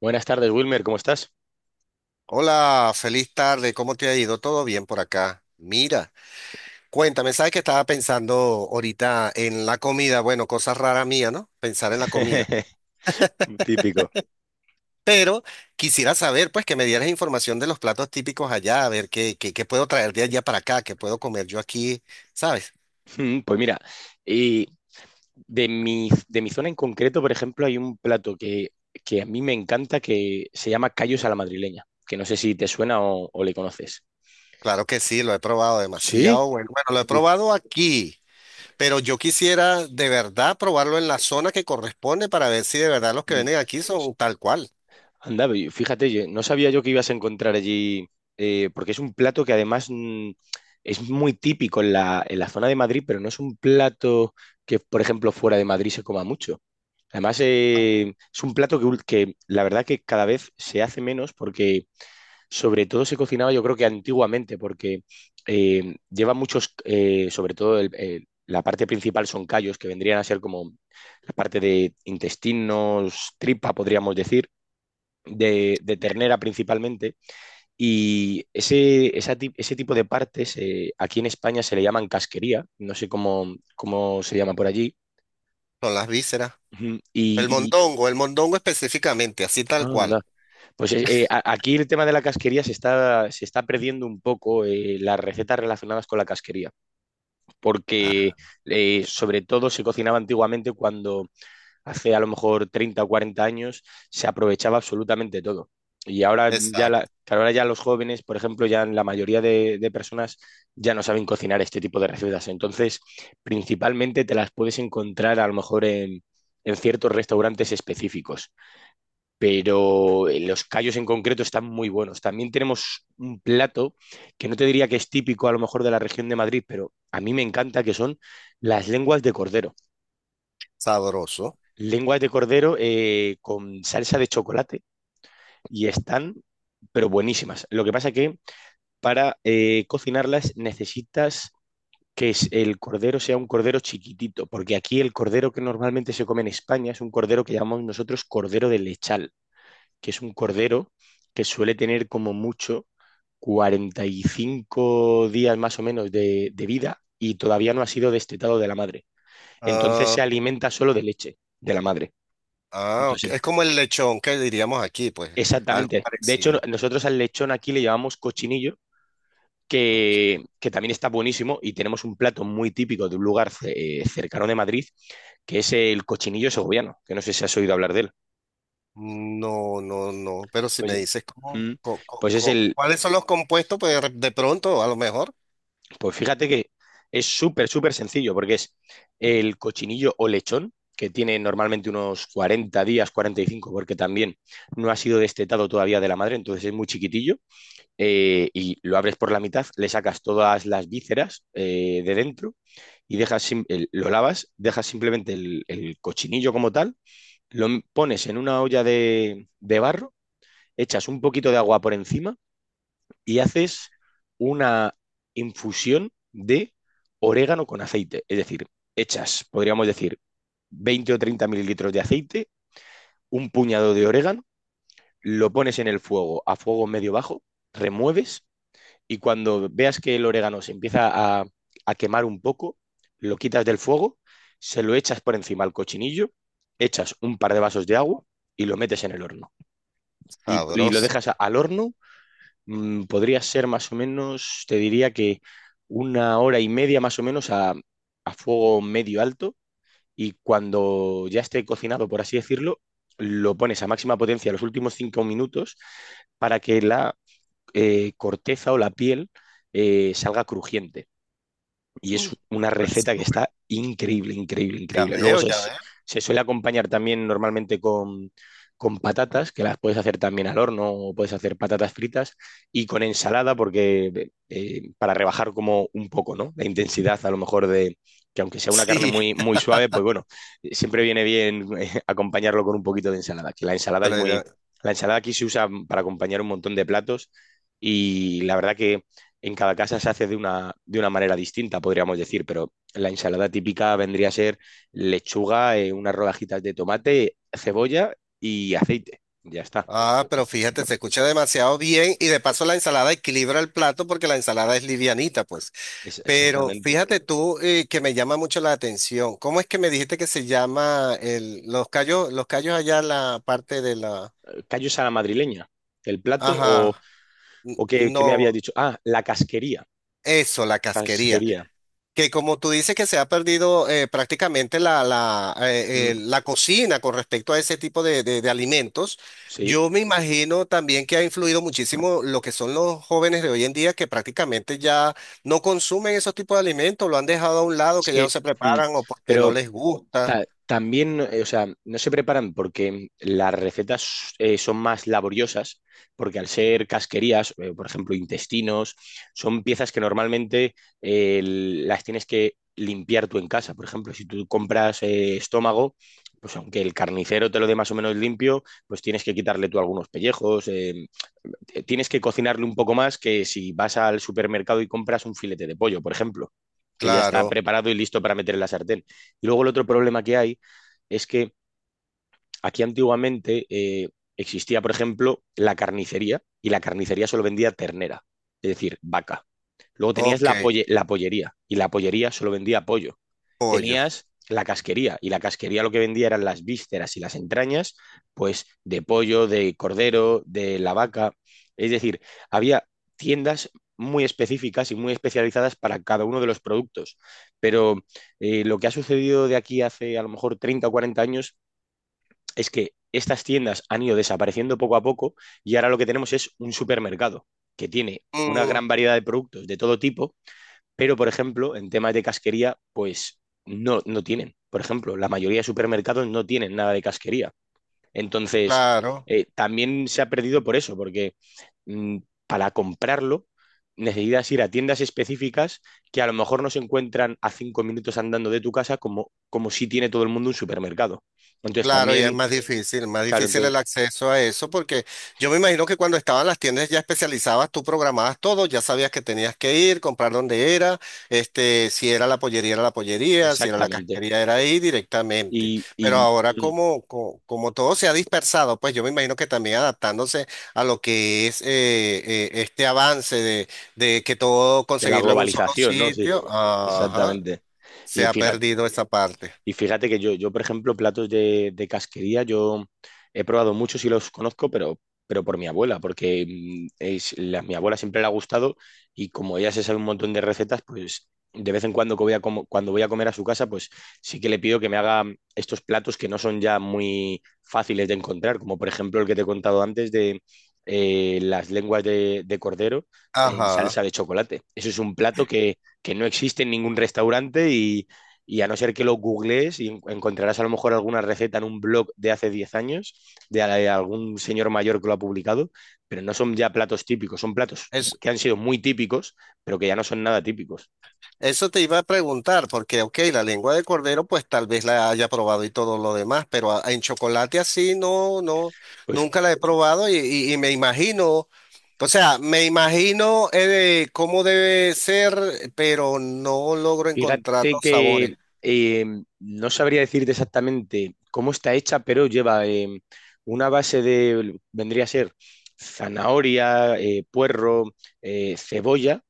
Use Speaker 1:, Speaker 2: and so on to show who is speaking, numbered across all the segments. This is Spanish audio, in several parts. Speaker 1: Buenas tardes, Wilmer, ¿cómo estás?
Speaker 2: Hola, feliz tarde. ¿Cómo te ha ido? ¿Todo bien por acá? Mira, cuéntame, ¿sabes que estaba pensando ahorita en la comida? Bueno, cosa rara mía, ¿no? Pensar en la comida.
Speaker 1: Típico.
Speaker 2: Pero quisiera saber, pues, que me dieras información de los platos típicos allá, a ver qué puedo traer de allá para acá, qué puedo comer yo aquí, ¿sabes?
Speaker 1: Pues mira, y de mi zona en concreto, por ejemplo, hay un plato que a mí me encanta que se llama callos a la madrileña, que no sé si te suena o le conoces.
Speaker 2: Claro que sí, lo he probado
Speaker 1: ¿Sí?
Speaker 2: demasiado bueno. Bueno, lo he
Speaker 1: Uf.
Speaker 2: probado aquí, pero yo quisiera de verdad probarlo en la zona que corresponde para ver si de verdad los que
Speaker 1: Mm.
Speaker 2: venden aquí son tal cual,
Speaker 1: Anda, fíjate, no sabía yo que ibas a encontrar allí, porque es un plato que además es muy típico en en la zona de Madrid, pero no es un plato que por ejemplo, fuera de Madrid se coma mucho. Además, es un plato que la verdad que cada vez se hace menos porque sobre todo se cocinaba, yo creo que antiguamente, porque lleva muchos, sobre todo la parte principal son callos, que vendrían a ser como la parte de intestinos, tripa, podríamos decir de ternera principalmente, y ese tipo de partes, aquí en España se le llaman casquería, no sé cómo se llama por allí.
Speaker 2: son las vísceras.
Speaker 1: Ujú.
Speaker 2: El mondongo específicamente, así tal cual.
Speaker 1: Anda. Pues aquí el tema de la casquería se está perdiendo un poco, las recetas relacionadas con la casquería, porque
Speaker 2: Ah,
Speaker 1: sobre todo se cocinaba antiguamente, cuando hace a lo mejor 30 o 40 años se aprovechaba absolutamente todo. Y ahora ya, la,
Speaker 2: exacto.
Speaker 1: que ahora ya los jóvenes, por ejemplo, ya la mayoría de personas ya no saben cocinar este tipo de recetas. Entonces, principalmente te las puedes encontrar a lo mejor en ciertos restaurantes específicos, pero los callos en concreto están muy buenos. También tenemos un plato que no te diría que es típico a lo mejor de la región de Madrid, pero a mí me encanta que son las lenguas de cordero.
Speaker 2: Sabroso.
Speaker 1: Lenguas de cordero con salsa de chocolate y están, pero buenísimas. Lo que pasa que para cocinarlas necesitas el cordero sea un cordero chiquitito, porque aquí el cordero que normalmente se come en España es un cordero que llamamos nosotros cordero de lechal, que es un cordero que suele tener como mucho 45 días más o menos de vida y todavía no ha sido destetado de la madre. Entonces se
Speaker 2: Ah,
Speaker 1: alimenta solo de leche de la madre.
Speaker 2: ah, ok.
Speaker 1: Entonces
Speaker 2: Es como el lechón que diríamos aquí, pues, algo
Speaker 1: exactamente. De hecho,
Speaker 2: parecido.
Speaker 1: nosotros al lechón aquí le llamamos cochinillo,
Speaker 2: Ok.
Speaker 1: que también está buenísimo y tenemos un plato muy típico de un lugar cercano de Madrid, que es el cochinillo segoviano, que no sé si has oído hablar de él.
Speaker 2: No, no, no, pero si me
Speaker 1: Pues,
Speaker 2: dices cómo,
Speaker 1: mm, pues es
Speaker 2: cuáles son los compuestos, pues de pronto, a lo mejor.
Speaker 1: pues fíjate que es súper, súper sencillo, porque es el cochinillo o lechón, que tiene normalmente unos 40 días, 45, porque también no ha sido destetado todavía de la madre, entonces es muy chiquitillo, y lo abres por la mitad, le sacas todas las vísceras, de dentro y lo lavas, dejas simplemente el cochinillo como tal, pones en una olla de barro, echas un poquito de agua por encima y haces una infusión de orégano con aceite. Es decir, echas, podríamos decir, 20 o 30 mililitros de aceite, un puñado de orégano, lo pones en el fuego a fuego medio bajo, remueves y cuando veas que el orégano se empieza a, a quemar un poco, lo quitas del fuego, se lo echas por encima al cochinillo, echas un par de vasos de agua y lo metes en el horno. Y lo
Speaker 2: Sabroso.
Speaker 1: dejas al horno, podría ser más o menos, te diría que una hora y media más o menos a fuego medio alto. Y cuando ya esté cocinado, por así decirlo, lo pones a máxima potencia los últimos 5 minutos para que la corteza o la piel salga crujiente. Y es una receta que
Speaker 2: Demasiado bueno.
Speaker 1: está increíble, increíble,
Speaker 2: Ya
Speaker 1: increíble.
Speaker 2: veo, ya veo.
Speaker 1: Se suele acompañar también normalmente con patatas, que las puedes hacer también al horno o puedes hacer patatas fritas, y con ensalada, porque para rebajar como un poco, ¿no? La intensidad a lo mejor de que aunque sea una carne
Speaker 2: Sí,
Speaker 1: muy, muy suave, pues bueno, siempre viene bien, acompañarlo con un poquito de ensalada, que la ensalada es
Speaker 2: pero
Speaker 1: muy...
Speaker 2: ya-
Speaker 1: La ensalada aquí se usa para acompañar un montón de platos y la verdad que en cada casa se hace de una manera distinta, podríamos decir, pero la ensalada típica vendría a ser lechuga, unas rodajitas de tomate, cebolla y aceite. Ya está,
Speaker 2: ah, pero fíjate, se escucha demasiado bien y de paso la ensalada equilibra el plato porque la ensalada es livianita, pues. Pero
Speaker 1: Exactamente.
Speaker 2: fíjate tú que me llama mucho la atención. ¿Cómo es que me dijiste que se llama el, los callos allá la parte de la...
Speaker 1: ¿Callos a la madrileña? ¿El plato
Speaker 2: Ajá,
Speaker 1: o qué, qué me habías
Speaker 2: no,
Speaker 1: dicho? Ah, la casquería.
Speaker 2: eso, la casquería.
Speaker 1: Casquería.
Speaker 2: Que como tú dices que se ha perdido prácticamente
Speaker 1: Mm,
Speaker 2: la cocina con respecto a ese tipo de, de alimentos,
Speaker 1: sí.
Speaker 2: yo me imagino también que ha influido muchísimo lo que son los jóvenes de hoy en día que prácticamente ya no consumen esos tipos de alimentos, lo han dejado a un lado,
Speaker 1: Es
Speaker 2: que ya no
Speaker 1: que,
Speaker 2: se
Speaker 1: mm,
Speaker 2: preparan o porque no
Speaker 1: pero
Speaker 2: les gusta.
Speaker 1: También, o sea, no se preparan porque las recetas son más laboriosas, porque al ser casquerías, por ejemplo, intestinos, son piezas que normalmente, las tienes que limpiar tú en casa. Por ejemplo, si tú compras, estómago, pues aunque el carnicero te lo dé más o menos limpio, pues tienes que quitarle tú algunos pellejos, tienes que cocinarle un poco más que si vas al supermercado y compras un filete de pollo, por ejemplo, que ya está
Speaker 2: Claro,
Speaker 1: preparado y listo para meter en la sartén. Y luego el otro problema que hay es que aquí antiguamente, existía, por ejemplo, la carnicería y la carnicería solo vendía ternera, es decir, vaca. Luego tenías
Speaker 2: ok,
Speaker 1: la pollería y la pollería solo vendía pollo,
Speaker 2: pollo.
Speaker 1: tenías la casquería y la casquería lo que vendía eran las vísceras y las entrañas, pues de pollo, de cordero, de la vaca. Es decir, había tiendas muy específicas y muy especializadas para cada uno de los productos. Pero lo que ha sucedido de aquí hace a lo mejor 30 o 40 años es que estas tiendas han ido desapareciendo poco a poco y ahora lo que tenemos es un supermercado que tiene una
Speaker 2: Mm,
Speaker 1: gran variedad de productos de todo tipo, pero, por ejemplo, en temas de casquería, pues no, no tienen. Por ejemplo, la mayoría de supermercados no tienen nada de casquería. Entonces,
Speaker 2: claro.
Speaker 1: también se ha perdido por eso, porque mmm, para comprarlo necesitas ir a tiendas específicas que a lo mejor no se encuentran a 5 minutos andando de tu casa, como, como si tiene todo el mundo un supermercado. Entonces
Speaker 2: Claro, y es
Speaker 1: también,
Speaker 2: más
Speaker 1: claro,
Speaker 2: difícil
Speaker 1: entonces,
Speaker 2: el acceso a eso, porque yo me imagino que cuando estaban las tiendas ya especializadas, tú programabas todo, ya sabías que tenías que ir, comprar dónde era, este, si era la pollería, era la pollería, si era la
Speaker 1: exactamente.
Speaker 2: casquería, era ahí directamente.
Speaker 1: Y,
Speaker 2: Pero
Speaker 1: y
Speaker 2: ahora sí.
Speaker 1: mm,
Speaker 2: Como, como todo se ha dispersado, pues yo me imagino que también adaptándose a lo que es este avance de que todo
Speaker 1: de la
Speaker 2: conseguirlo en un solo
Speaker 1: globalización, ¿no? Sí,
Speaker 2: sitio, ajá,
Speaker 1: exactamente.
Speaker 2: se
Speaker 1: Y
Speaker 2: ha
Speaker 1: fíjate,
Speaker 2: perdido esa parte.
Speaker 1: y fíjate que yo por ejemplo, platos de casquería, yo he probado muchos y los conozco, pero por mi abuela, porque mi abuela siempre le ha gustado y como ella se sabe un montón de recetas, pues de vez en cuando que voy a como- cuando voy a comer a su casa, pues sí que le pido que me haga estos platos que no son ya muy fáciles de encontrar, como por ejemplo el que te he contado antes de, las lenguas de cordero en salsa
Speaker 2: Ajá.
Speaker 1: de chocolate. Eso es un plato que no existe en ningún restaurante y a no ser que lo googlees y encontrarás a lo mejor alguna receta en un blog de hace 10 años, de algún señor mayor que lo ha publicado, pero no son ya platos típicos, son platos
Speaker 2: es
Speaker 1: que han sido muy típicos, pero que ya no son nada típicos.
Speaker 2: Eso te iba a preguntar, porque, ok, la lengua de cordero, pues tal vez la haya probado y todo lo demás, pero en chocolate así no, no,
Speaker 1: Pues
Speaker 2: nunca la he probado y y me imagino, o sea, me imagino cómo debe ser, pero no logro encontrar
Speaker 1: fíjate
Speaker 2: los
Speaker 1: que
Speaker 2: sabores.
Speaker 1: eh, no sabría decirte exactamente cómo está hecha, pero lleva una base de, vendría a ser zanahoria, puerro, cebolla.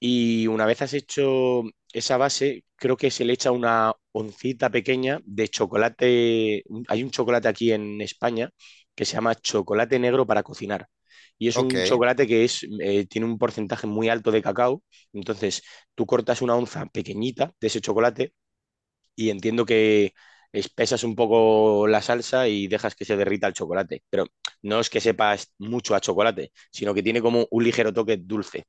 Speaker 1: Y una vez has hecho esa base, creo que se le echa una oncita pequeña de chocolate. Hay un chocolate aquí en España que se llama chocolate negro para cocinar. Y es un
Speaker 2: Ok.
Speaker 1: chocolate que tiene un porcentaje muy alto de cacao. Entonces, tú cortas una onza pequeñita de ese chocolate y entiendo que espesas un poco la salsa y dejas que se derrita el chocolate. Pero no es que sepas mucho a chocolate, sino que tiene como un ligero toque dulce.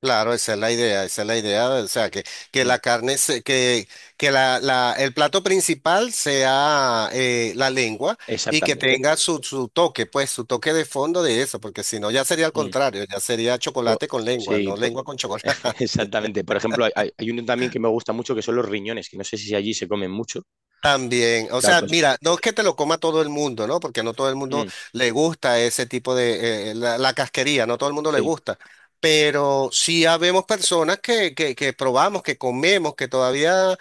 Speaker 2: Claro, esa es la idea, esa es la idea, o sea, que
Speaker 1: Ujú.
Speaker 2: la carne, que la, el plato principal sea la lengua y que
Speaker 1: Exactamente.
Speaker 2: tenga su, su toque, pues su toque de fondo de eso, porque si no ya sería al
Speaker 1: Mm.
Speaker 2: contrario, ya sería
Speaker 1: Yo-
Speaker 2: chocolate con lengua,
Speaker 1: Sí,
Speaker 2: no
Speaker 1: po-
Speaker 2: lengua con chocolate.
Speaker 1: exactamente. Por ejemplo, hay uno también que me gusta mucho que son los riñones, que no sé si allí se comen mucho.
Speaker 2: También, o
Speaker 1: Claro,
Speaker 2: sea,
Speaker 1: pues,
Speaker 2: mira, no es que te lo coma todo el mundo, ¿no? Porque no todo el mundo
Speaker 1: mm,
Speaker 2: le gusta ese tipo de, la, la casquería, no todo el mundo le
Speaker 1: sí,
Speaker 2: gusta. Pero sí habemos personas que probamos, que comemos, que todavía eh,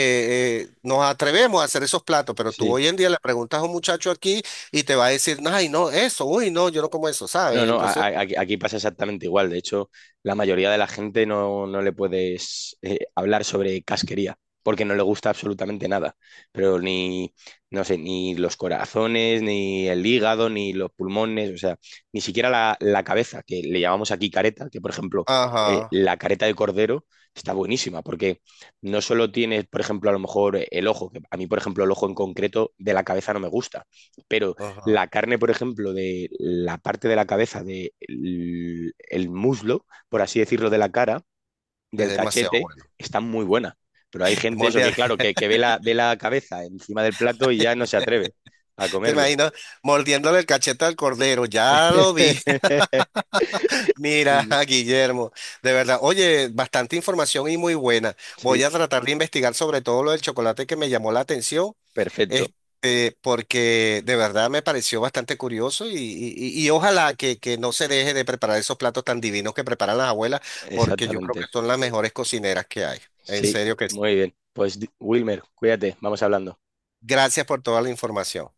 Speaker 2: eh, nos atrevemos a hacer esos platos. Pero tú
Speaker 1: sí.
Speaker 2: hoy en día le preguntas a un muchacho aquí y te va a decir, ay, no, eso, uy, no, yo no como eso,
Speaker 1: No,
Speaker 2: ¿sabes?
Speaker 1: no,
Speaker 2: Entonces,
Speaker 1: aquí aquí pasa exactamente igual. De hecho, la mayoría de la gente no, no le puedes, hablar sobre casquería, porque no le gusta absolutamente nada. Pero ni, no sé, ni los corazones, ni el hígado, ni los pulmones, o sea, ni siquiera la cabeza, que le llamamos aquí careta, que por ejemplo,
Speaker 2: ajá,
Speaker 1: la careta de cordero está buenísima, porque no solo tienes, por ejemplo, a lo mejor el ojo, que a mí, por ejemplo, el ojo en concreto de la cabeza no me gusta, pero
Speaker 2: ajá,
Speaker 1: la carne, por ejemplo, de la parte de la cabeza, del el muslo, por así decirlo, de la cara,
Speaker 2: es
Speaker 1: del
Speaker 2: demasiado
Speaker 1: cachete,
Speaker 2: bueno.
Speaker 1: está muy buena. Pero hay gente, eso que
Speaker 2: Mordiendo,
Speaker 1: claro, que ve ve la cabeza encima del plato y ya no se atreve a
Speaker 2: te
Speaker 1: comerlo.
Speaker 2: imagino, mordiéndole el cachete al cordero, ya lo vi. Mira, Guillermo, de verdad, oye, bastante información y muy buena.
Speaker 1: Sí,
Speaker 2: Voy a tratar de investigar sobre todo lo del chocolate que me llamó la atención,
Speaker 1: perfecto,
Speaker 2: este, porque de verdad me pareció bastante curioso y y ojalá que no se deje de preparar esos platos tan divinos que preparan las abuelas, porque yo creo
Speaker 1: exactamente.
Speaker 2: que son las mejores cocineras que hay. En
Speaker 1: Sí,
Speaker 2: serio que sí.
Speaker 1: muy bien. Pues Wilmer, cuídate, vamos hablando.
Speaker 2: Gracias por toda la información.